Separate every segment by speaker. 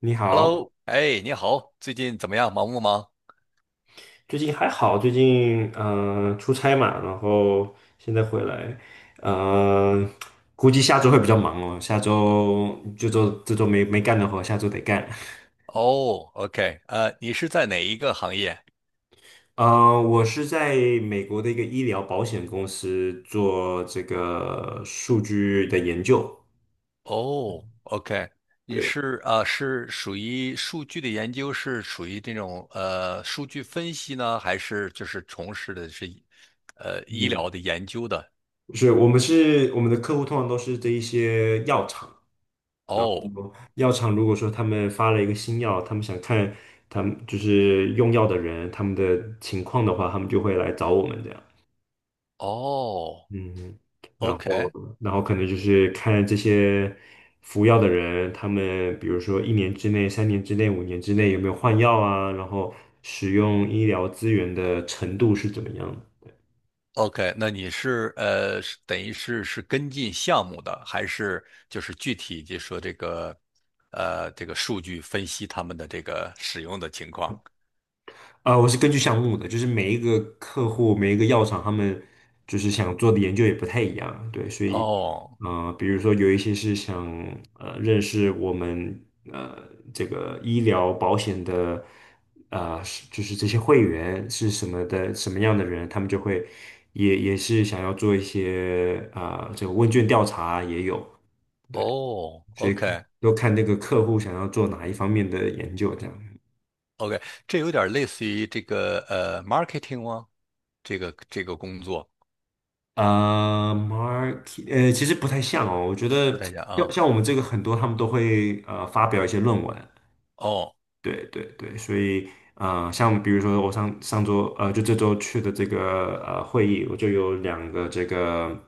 Speaker 1: 你好，
Speaker 2: Hello，哎，你好，最近怎么样？忙不忙？
Speaker 1: 最近还好，最近出差嘛，然后现在回来，嗯，估计下周会比较忙哦，下周这周没干的活，下周得干。
Speaker 2: 哦，OK，你是在哪一个行业？
Speaker 1: 我是在美国的一个医疗保险公司做这个数据的研究，
Speaker 2: 哦，OK，你
Speaker 1: 对，
Speaker 2: 是啊，是属于数据的研究，是属于这种数据分析呢，还是就是从事的是医
Speaker 1: 嗯，
Speaker 2: 疗的研究的？
Speaker 1: 是我们的客户通常都是这一些药厂。然
Speaker 2: 哦，
Speaker 1: 后药厂如果说他们发了一个新药，他们想看他们就是用药的人他们的情况的话，他们就会来找我们这样。
Speaker 2: 哦
Speaker 1: 嗯，然后
Speaker 2: ，OK，
Speaker 1: 然后可能就是看这些服药的人，他们比如说1年之内、3年之内、5年之内有没有换药啊，然后使用医疗资源的程度是怎么样的。
Speaker 2: OK，那你是是等于是跟进项目的，还是就是具体就说这个这个数据分析他们的这个使用的情况？
Speaker 1: 我是根据项目的，就是每一个客户、每一个药厂，他们就是想做的研究也不太一样，对，所以，
Speaker 2: 哦
Speaker 1: 比如说有一些是想认识我们呃这个医疗保险的就是这些会员是什么样的人，他们就会也是想要做一些啊、这个问卷调查也有，对，
Speaker 2: 哦
Speaker 1: 所以
Speaker 2: ，OK
Speaker 1: 都看那个客户想要做哪一方面的研究这样。
Speaker 2: OK，这有点类似于这个marketing 吗？这个工作
Speaker 1: market，其实不太像哦。我觉
Speaker 2: 不
Speaker 1: 得
Speaker 2: 太像
Speaker 1: 要
Speaker 2: 啊。
Speaker 1: 像我们这个很多，他们都会发表一些论文，
Speaker 2: 哦
Speaker 1: 对对对，所以像比如说我上上周就这周去的这个会议，我就有2个这个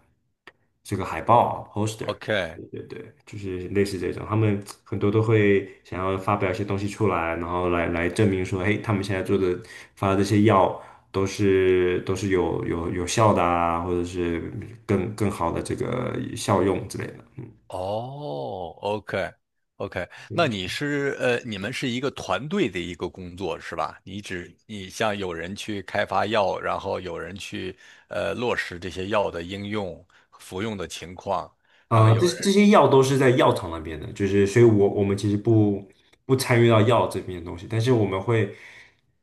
Speaker 1: 这个海报 poster，
Speaker 2: ，OK，
Speaker 1: 对对对，就是类似这种，他们很多都会想要发表一些东西出来，然后来证明说，嘿，他们现在做的发的这些药都是有效的啊，或者是更好的这个效用之类的，嗯。
Speaker 2: 哦，OK，OK，那你是你们是一个团队的一个工作是吧？你像有人去开发药，然后有人去落实这些药的应用、服用的情况，然后
Speaker 1: 呃，这
Speaker 2: 有人
Speaker 1: 这些药都是在药厂那边的，就是所以我们其实不参与到药这边的东西，但是我们会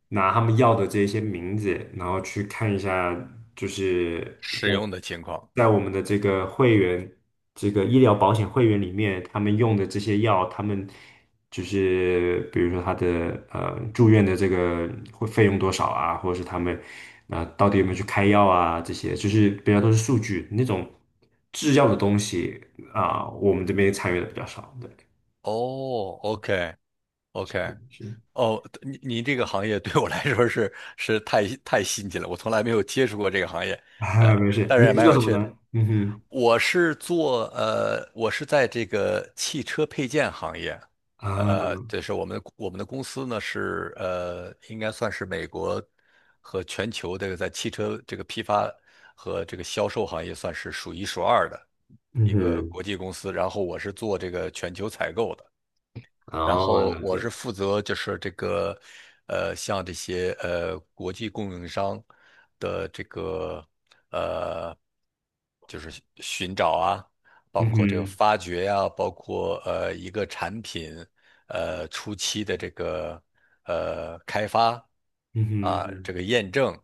Speaker 1: 拿他们药的这一些名字，然后去看一下，就是在
Speaker 2: 使用的情况。
Speaker 1: 在我们的这个会员这个医疗保险会员里面，他们用的这些药，他们就是比如说他的住院的这个会费用多少啊，或者是他们啊、到底有没有去开药啊，这些就是比较都是数据那种。制药的东西啊、我们这边参与的比较少。对，
Speaker 2: 哦，OK，OK，
Speaker 1: 是
Speaker 2: 哦，你你这个行业对我来说是太新奇了，我从来没有接触过这个行业，呃，
Speaker 1: 啊，没事。
Speaker 2: 但是
Speaker 1: 你
Speaker 2: 也
Speaker 1: 是
Speaker 2: 蛮
Speaker 1: 做
Speaker 2: 有
Speaker 1: 什么
Speaker 2: 趣的。
Speaker 1: 呢？嗯哼，
Speaker 2: 我是做我是在这个汽车配件行业，
Speaker 1: 啊，
Speaker 2: 这是我们的公司呢是应该算是美国和全球这个在汽车这个批发和这个销售行业算是数一数二的
Speaker 1: 嗯
Speaker 2: 一个
Speaker 1: 哼，
Speaker 2: 国际公司。然后我是做这个全球采购的。然
Speaker 1: 哦，
Speaker 2: 后
Speaker 1: 了
Speaker 2: 我是
Speaker 1: 解。
Speaker 2: 负责就是这个，像这些国际供应商的这个呃，就是寻找啊，包
Speaker 1: 嗯
Speaker 2: 括这个
Speaker 1: 哼，
Speaker 2: 发掘呀、包括一个产品初期的这个开发
Speaker 1: 嗯
Speaker 2: 啊，
Speaker 1: 哼，
Speaker 2: 这个验证。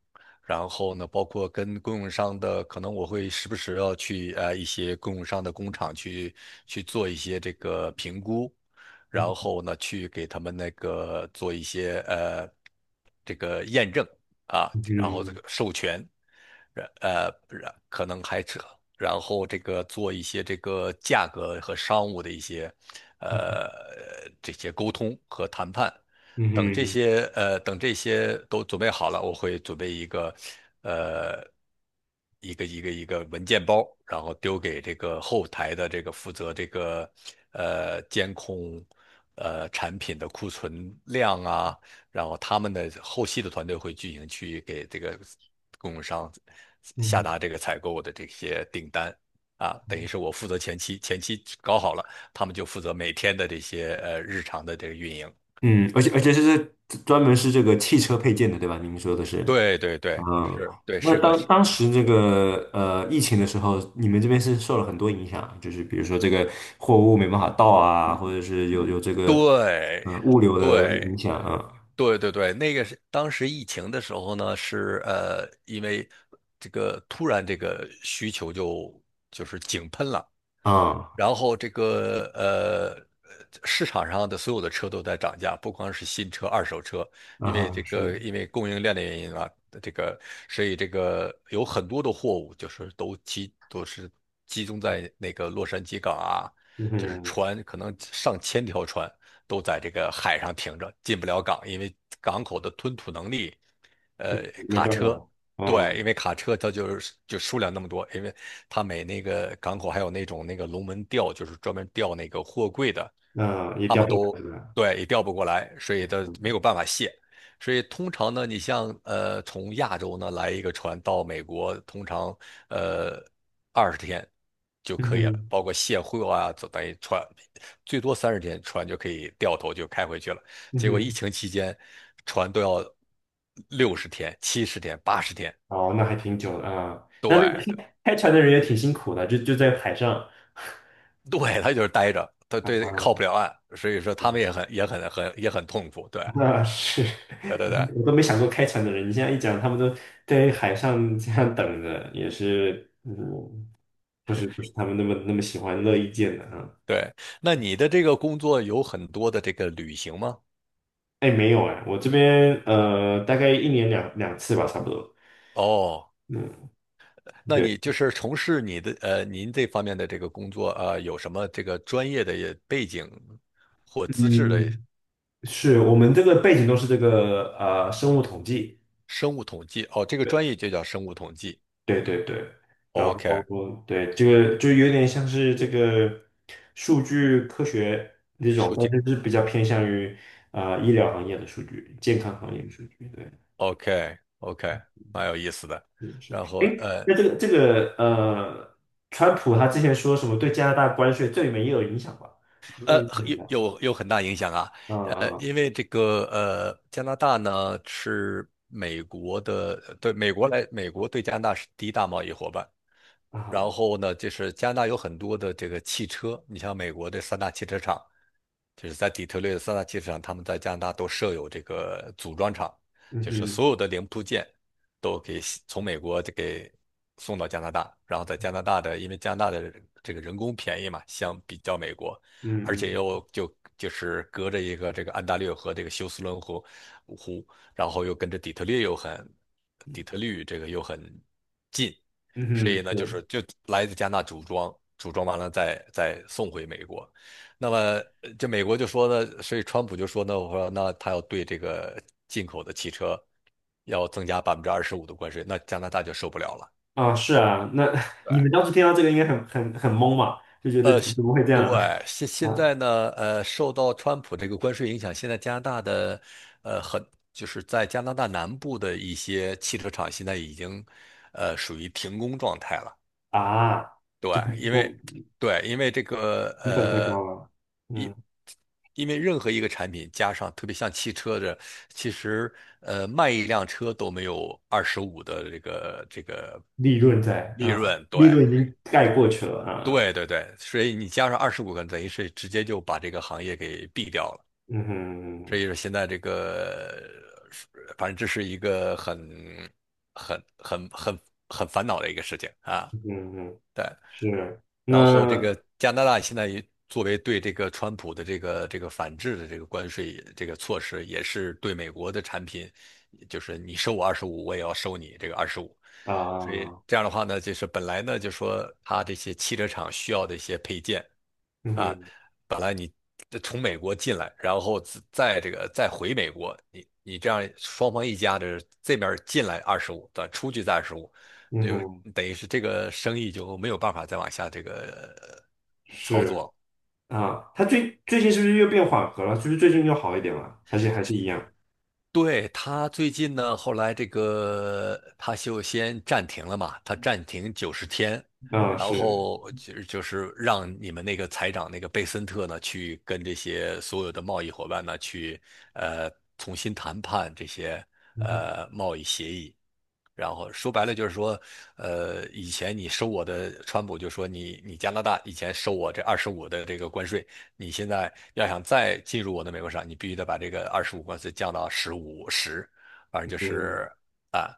Speaker 2: 然后呢，包括跟供应商的，可能我会时不时要去一些供应商的工厂去做一些这个评估，然
Speaker 1: 嗯
Speaker 2: 后呢去给他们那个做一些这个验证啊，然后这
Speaker 1: 哼，
Speaker 2: 个授权，然呃然可能还扯然后这个做一些这个价格和商务的一些
Speaker 1: 嗯哼，
Speaker 2: 呃这些沟通和谈判。
Speaker 1: 嗯
Speaker 2: 等这
Speaker 1: 哼，
Speaker 2: 些等这些都准备好了，我会准备一个呃一个文件包，然后丢给这个后台的这个负责这个监控产品的库存量啊，然后他们的后期的团队会进行去给这个供应商下
Speaker 1: 嗯
Speaker 2: 达这个采购的这些订单。啊，等于
Speaker 1: 哼，
Speaker 2: 是我负责前期，前期搞好了，他们就负责每天的这些日常的这个运营。
Speaker 1: 嗯，而且这是专门是这个汽车配件的，对吧？您说的是。
Speaker 2: 对对
Speaker 1: 啊，
Speaker 2: 对，是，对，
Speaker 1: 那
Speaker 2: 是个
Speaker 1: 当
Speaker 2: 是，
Speaker 1: 当时这个疫情的时候，你们这边是受了很多影响，就是比如说这个货物没办法到啊，或者是有这个
Speaker 2: 对
Speaker 1: 物流的影
Speaker 2: 对
Speaker 1: 响啊
Speaker 2: 对对对，那个是当时疫情的时候呢，是因为这个突然这个需求就是井喷了。
Speaker 1: 啊
Speaker 2: 然后这个市场上的所有的车都在涨价，不光是新车、二手车，因为
Speaker 1: 啊
Speaker 2: 这
Speaker 1: 是，
Speaker 2: 个因为供应链的原因啊，这个所以这个有很多的货物就是都是集中在那个洛杉矶港啊，就是
Speaker 1: 嗯，
Speaker 2: 船可能上千条船都在这个海上停着，进不了港，因为港口的吞吐能力，呃，
Speaker 1: 没
Speaker 2: 卡
Speaker 1: 办
Speaker 2: 车
Speaker 1: 法，
Speaker 2: 对，
Speaker 1: 嗯，
Speaker 2: 因为卡车它就是就数量那么多，因为它每那个港口还有那种那个龙门吊，就是专门吊那个货柜的，
Speaker 1: 那、也
Speaker 2: 他
Speaker 1: 调
Speaker 2: 们
Speaker 1: 不来
Speaker 2: 都
Speaker 1: 是吧？
Speaker 2: 对也调不过来，所以它没
Speaker 1: 嗯
Speaker 2: 有办法卸。所以通常呢，你像从亚洲呢来一个船到美国，通常呃20天就
Speaker 1: 嗯
Speaker 2: 可以了，
Speaker 1: 哼
Speaker 2: 包括卸货啊，就等于船最多30天船就可以掉头就开回去了。
Speaker 1: 嗯
Speaker 2: 结果疫
Speaker 1: 哼，
Speaker 2: 情期间，船都要60天、70天、80天，
Speaker 1: 哦，那还挺久的啊，那
Speaker 2: 对
Speaker 1: 开船的人也挺辛苦的，就在海上
Speaker 2: 对，他就是待着，他
Speaker 1: 啊，
Speaker 2: 对靠不了岸，所以说他们也很痛苦。对
Speaker 1: 那是。
Speaker 2: 对对对
Speaker 1: 我都没想过开船的人，你现在一讲，他们都在海上这样等着，也是，嗯，不是他们那么喜欢乐意见的啊。
Speaker 2: 对，那你的这个工作有很多的这个旅行吗？
Speaker 1: 哎，没有哎，我这边大概一年两次吧，差不多。
Speaker 2: 哦，
Speaker 1: 嗯，
Speaker 2: 那
Speaker 1: 对，
Speaker 2: 你就是从事你的您这方面的这个工作啊，有什么这个专业的背景或资质的
Speaker 1: 嗯，是我们这个背景都是这个生物统计。
Speaker 2: 生物统计？哦，这个
Speaker 1: 对。
Speaker 2: 专业就叫生物统计。
Speaker 1: 对对对，然后
Speaker 2: OK，
Speaker 1: 对这个就有点像是这个数据科学那种，
Speaker 2: 数据
Speaker 1: 但是是比较偏向于啊医疗行业的数据、健康行业的数据。对，
Speaker 2: OK OK，蛮有意思的。
Speaker 1: 是是。
Speaker 2: 然后
Speaker 1: 哎，那这个川普他之前说什么对加拿大关税这里面也有影响吧？应该有影响
Speaker 2: 有
Speaker 1: 吧。
Speaker 2: 有有很大影响啊，
Speaker 1: 啊
Speaker 2: 因为这个加拿大呢是美国的，美国对加拿大是第一大贸易伙伴，
Speaker 1: 啊
Speaker 2: 然
Speaker 1: 啊！
Speaker 2: 后呢，就是加拿大有很多的这个汽车，你像美国的三大汽车厂，就是在底特律的三大汽车厂，他们在加拿大都设有这个组装厂，
Speaker 1: 嗯
Speaker 2: 就是
Speaker 1: 哼，
Speaker 2: 所有的零部件都给从美国就给送到加拿大，然后在加拿大的，因为加拿大的这个人工便宜嘛，相比较美国，而且
Speaker 1: 嗯
Speaker 2: 又
Speaker 1: 嗯
Speaker 2: 就是隔着一个这个安大略和这个休斯敦湖，然后又跟着底特律又很，底特律这个又很近。所
Speaker 1: 嗯
Speaker 2: 以
Speaker 1: 哼，
Speaker 2: 呢，就
Speaker 1: 是
Speaker 2: 是就来自加拿大组装，组装完了再送回美国。那么这美国就说呢，所以川普就说呢，我说那他要对这个进口的汽车要增加25%的关税，那加拿大就受不了了。
Speaker 1: 啊是啊。那
Speaker 2: 对，
Speaker 1: 你们当时听到这个应该很懵嘛，就觉得
Speaker 2: 是
Speaker 1: 怎么会这样？
Speaker 2: 对，现
Speaker 1: 啊？
Speaker 2: 现在
Speaker 1: 啊
Speaker 2: 呢，受到川普这个关税影响，现在加拿大的，很就是在加拿大南部的一些汽车厂现在已经，属于停工状态了。
Speaker 1: 啊，
Speaker 2: 对，
Speaker 1: 就
Speaker 2: 因为
Speaker 1: 不
Speaker 2: 对，因为这个
Speaker 1: 成本太高了，嗯，
Speaker 2: 因因为任何一个产品加上，特别像汽车的，其实卖一辆车都没有二十五的这个
Speaker 1: 利润在
Speaker 2: 利
Speaker 1: 啊，
Speaker 2: 润，对
Speaker 1: 利润已经盖过去了啊，
Speaker 2: 对对对，所以你加上25个，等于是直接就把这个行业给毙掉了。
Speaker 1: 嗯
Speaker 2: 所
Speaker 1: 哼，
Speaker 2: 以说现在这个，反正这是一个很很很很烦恼的一个事情啊。
Speaker 1: 嗯哼，是，
Speaker 2: 然后这
Speaker 1: 那
Speaker 2: 个加拿大现在也作为对这个川普的这个反制的这个关税这个措施，也是对美国的产品，就是你收我二十五，我也要收你这个二十五。所以
Speaker 1: 啊，
Speaker 2: 这样的话呢，就是本来呢就说它这些汽车厂需要的一些配件。
Speaker 1: 嗯
Speaker 2: 啊，
Speaker 1: 哼，
Speaker 2: 本来你从美国进来，然后自再这个再回美国，你你这样双方一家的这边儿进来二十五，再出去再二十五，
Speaker 1: 嗯
Speaker 2: 就
Speaker 1: 哼，
Speaker 2: 等于是这个生意就没有办法再往下这个操作
Speaker 1: 是
Speaker 2: 了。
Speaker 1: 啊，它最近是不是又变缓和了？就是最近又好一点了，还是一样？
Speaker 2: 对，他最近呢，后来这个他就先暂停了嘛，他暂停90天，
Speaker 1: 啊，
Speaker 2: 然
Speaker 1: 是，
Speaker 2: 后就是让你们那个财长那个贝森特呢，去跟这些所有的贸易伙伴呢，去呃重新谈判这些
Speaker 1: 嗯哼，
Speaker 2: 贸易协议。然后说白了就是说，以前你收我的，川普就说你你加拿大以前收我这二十五的这个关税，你现在要想再进入我的美国市场，你必须得把这个二十五关税降到十五十1反正
Speaker 1: 嗯，
Speaker 2: 就
Speaker 1: 嗯
Speaker 2: 是。啊。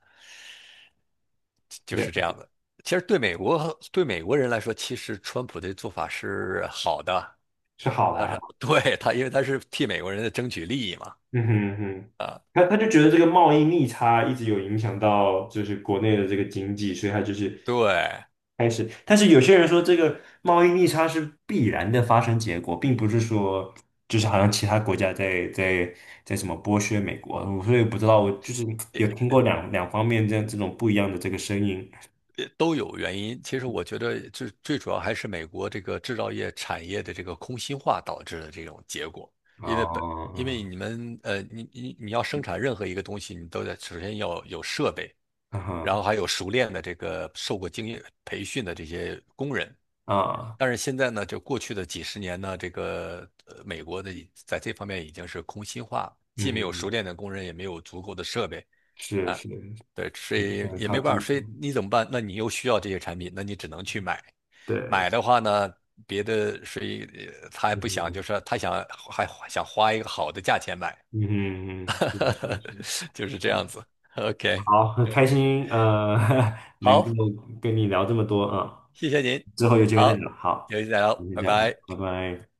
Speaker 2: 就
Speaker 1: 对，
Speaker 2: 是这样的。其实对美国人来说，其实川普的做法是好的。
Speaker 1: 是好的
Speaker 2: 他
Speaker 1: 啊。
Speaker 2: 是对他，因为他是替美国人在争取利益嘛。
Speaker 1: 嗯哼嗯哼，他就觉得这个贸易逆差一直有影响到就是国内的这个经济，所以他就是
Speaker 2: 对，
Speaker 1: 开始。但是有些人说这个贸易逆差是必然的发生结果，并不是说就是好像其他国家在什么剥削美国，我所以不知道，我就是有听过两方面这样这种不一样的这个声音。
Speaker 2: 都有原因。其实我觉得最主要还是美国这个制造业产业的这个空心化导致的这种结果。因为本因为
Speaker 1: 哦，
Speaker 2: 你们你要生产任何一个东西，你都得首先要有设备，
Speaker 1: 嗯
Speaker 2: 然后
Speaker 1: 哼
Speaker 2: 还有熟练的这个受过经验培训的这些工人，
Speaker 1: 啊，
Speaker 2: 但是现在呢，就过去的几十年呢，这个美国的已在这方面已经是空心化，
Speaker 1: 嗯
Speaker 2: 既没有
Speaker 1: 哼，
Speaker 2: 熟练的工人，也没有足够的设备
Speaker 1: 是
Speaker 2: 啊，
Speaker 1: 是，
Speaker 2: 对，所以
Speaker 1: 很
Speaker 2: 也
Speaker 1: 靠
Speaker 2: 没办法，
Speaker 1: 近，
Speaker 2: 所以你怎么办？那你又需要这些产品，那你只能去买。
Speaker 1: 对，
Speaker 2: 买的话呢，别的所以他还
Speaker 1: 嗯
Speaker 2: 不想，就
Speaker 1: 哼。
Speaker 2: 是说他想还想花一个好的价钱买，
Speaker 1: 嗯嗯，嗯是的，是的，是的，
Speaker 2: 就是这
Speaker 1: 呃，
Speaker 2: 样子。OK，
Speaker 1: 好，很开心，能够
Speaker 2: 好，
Speaker 1: 跟你聊这么多啊，
Speaker 2: 谢谢您，
Speaker 1: 之后有机会再
Speaker 2: 好，
Speaker 1: 聊，好，
Speaker 2: 有机再聊，
Speaker 1: 今天
Speaker 2: 拜
Speaker 1: 这样啊，
Speaker 2: 拜。
Speaker 1: 拜拜。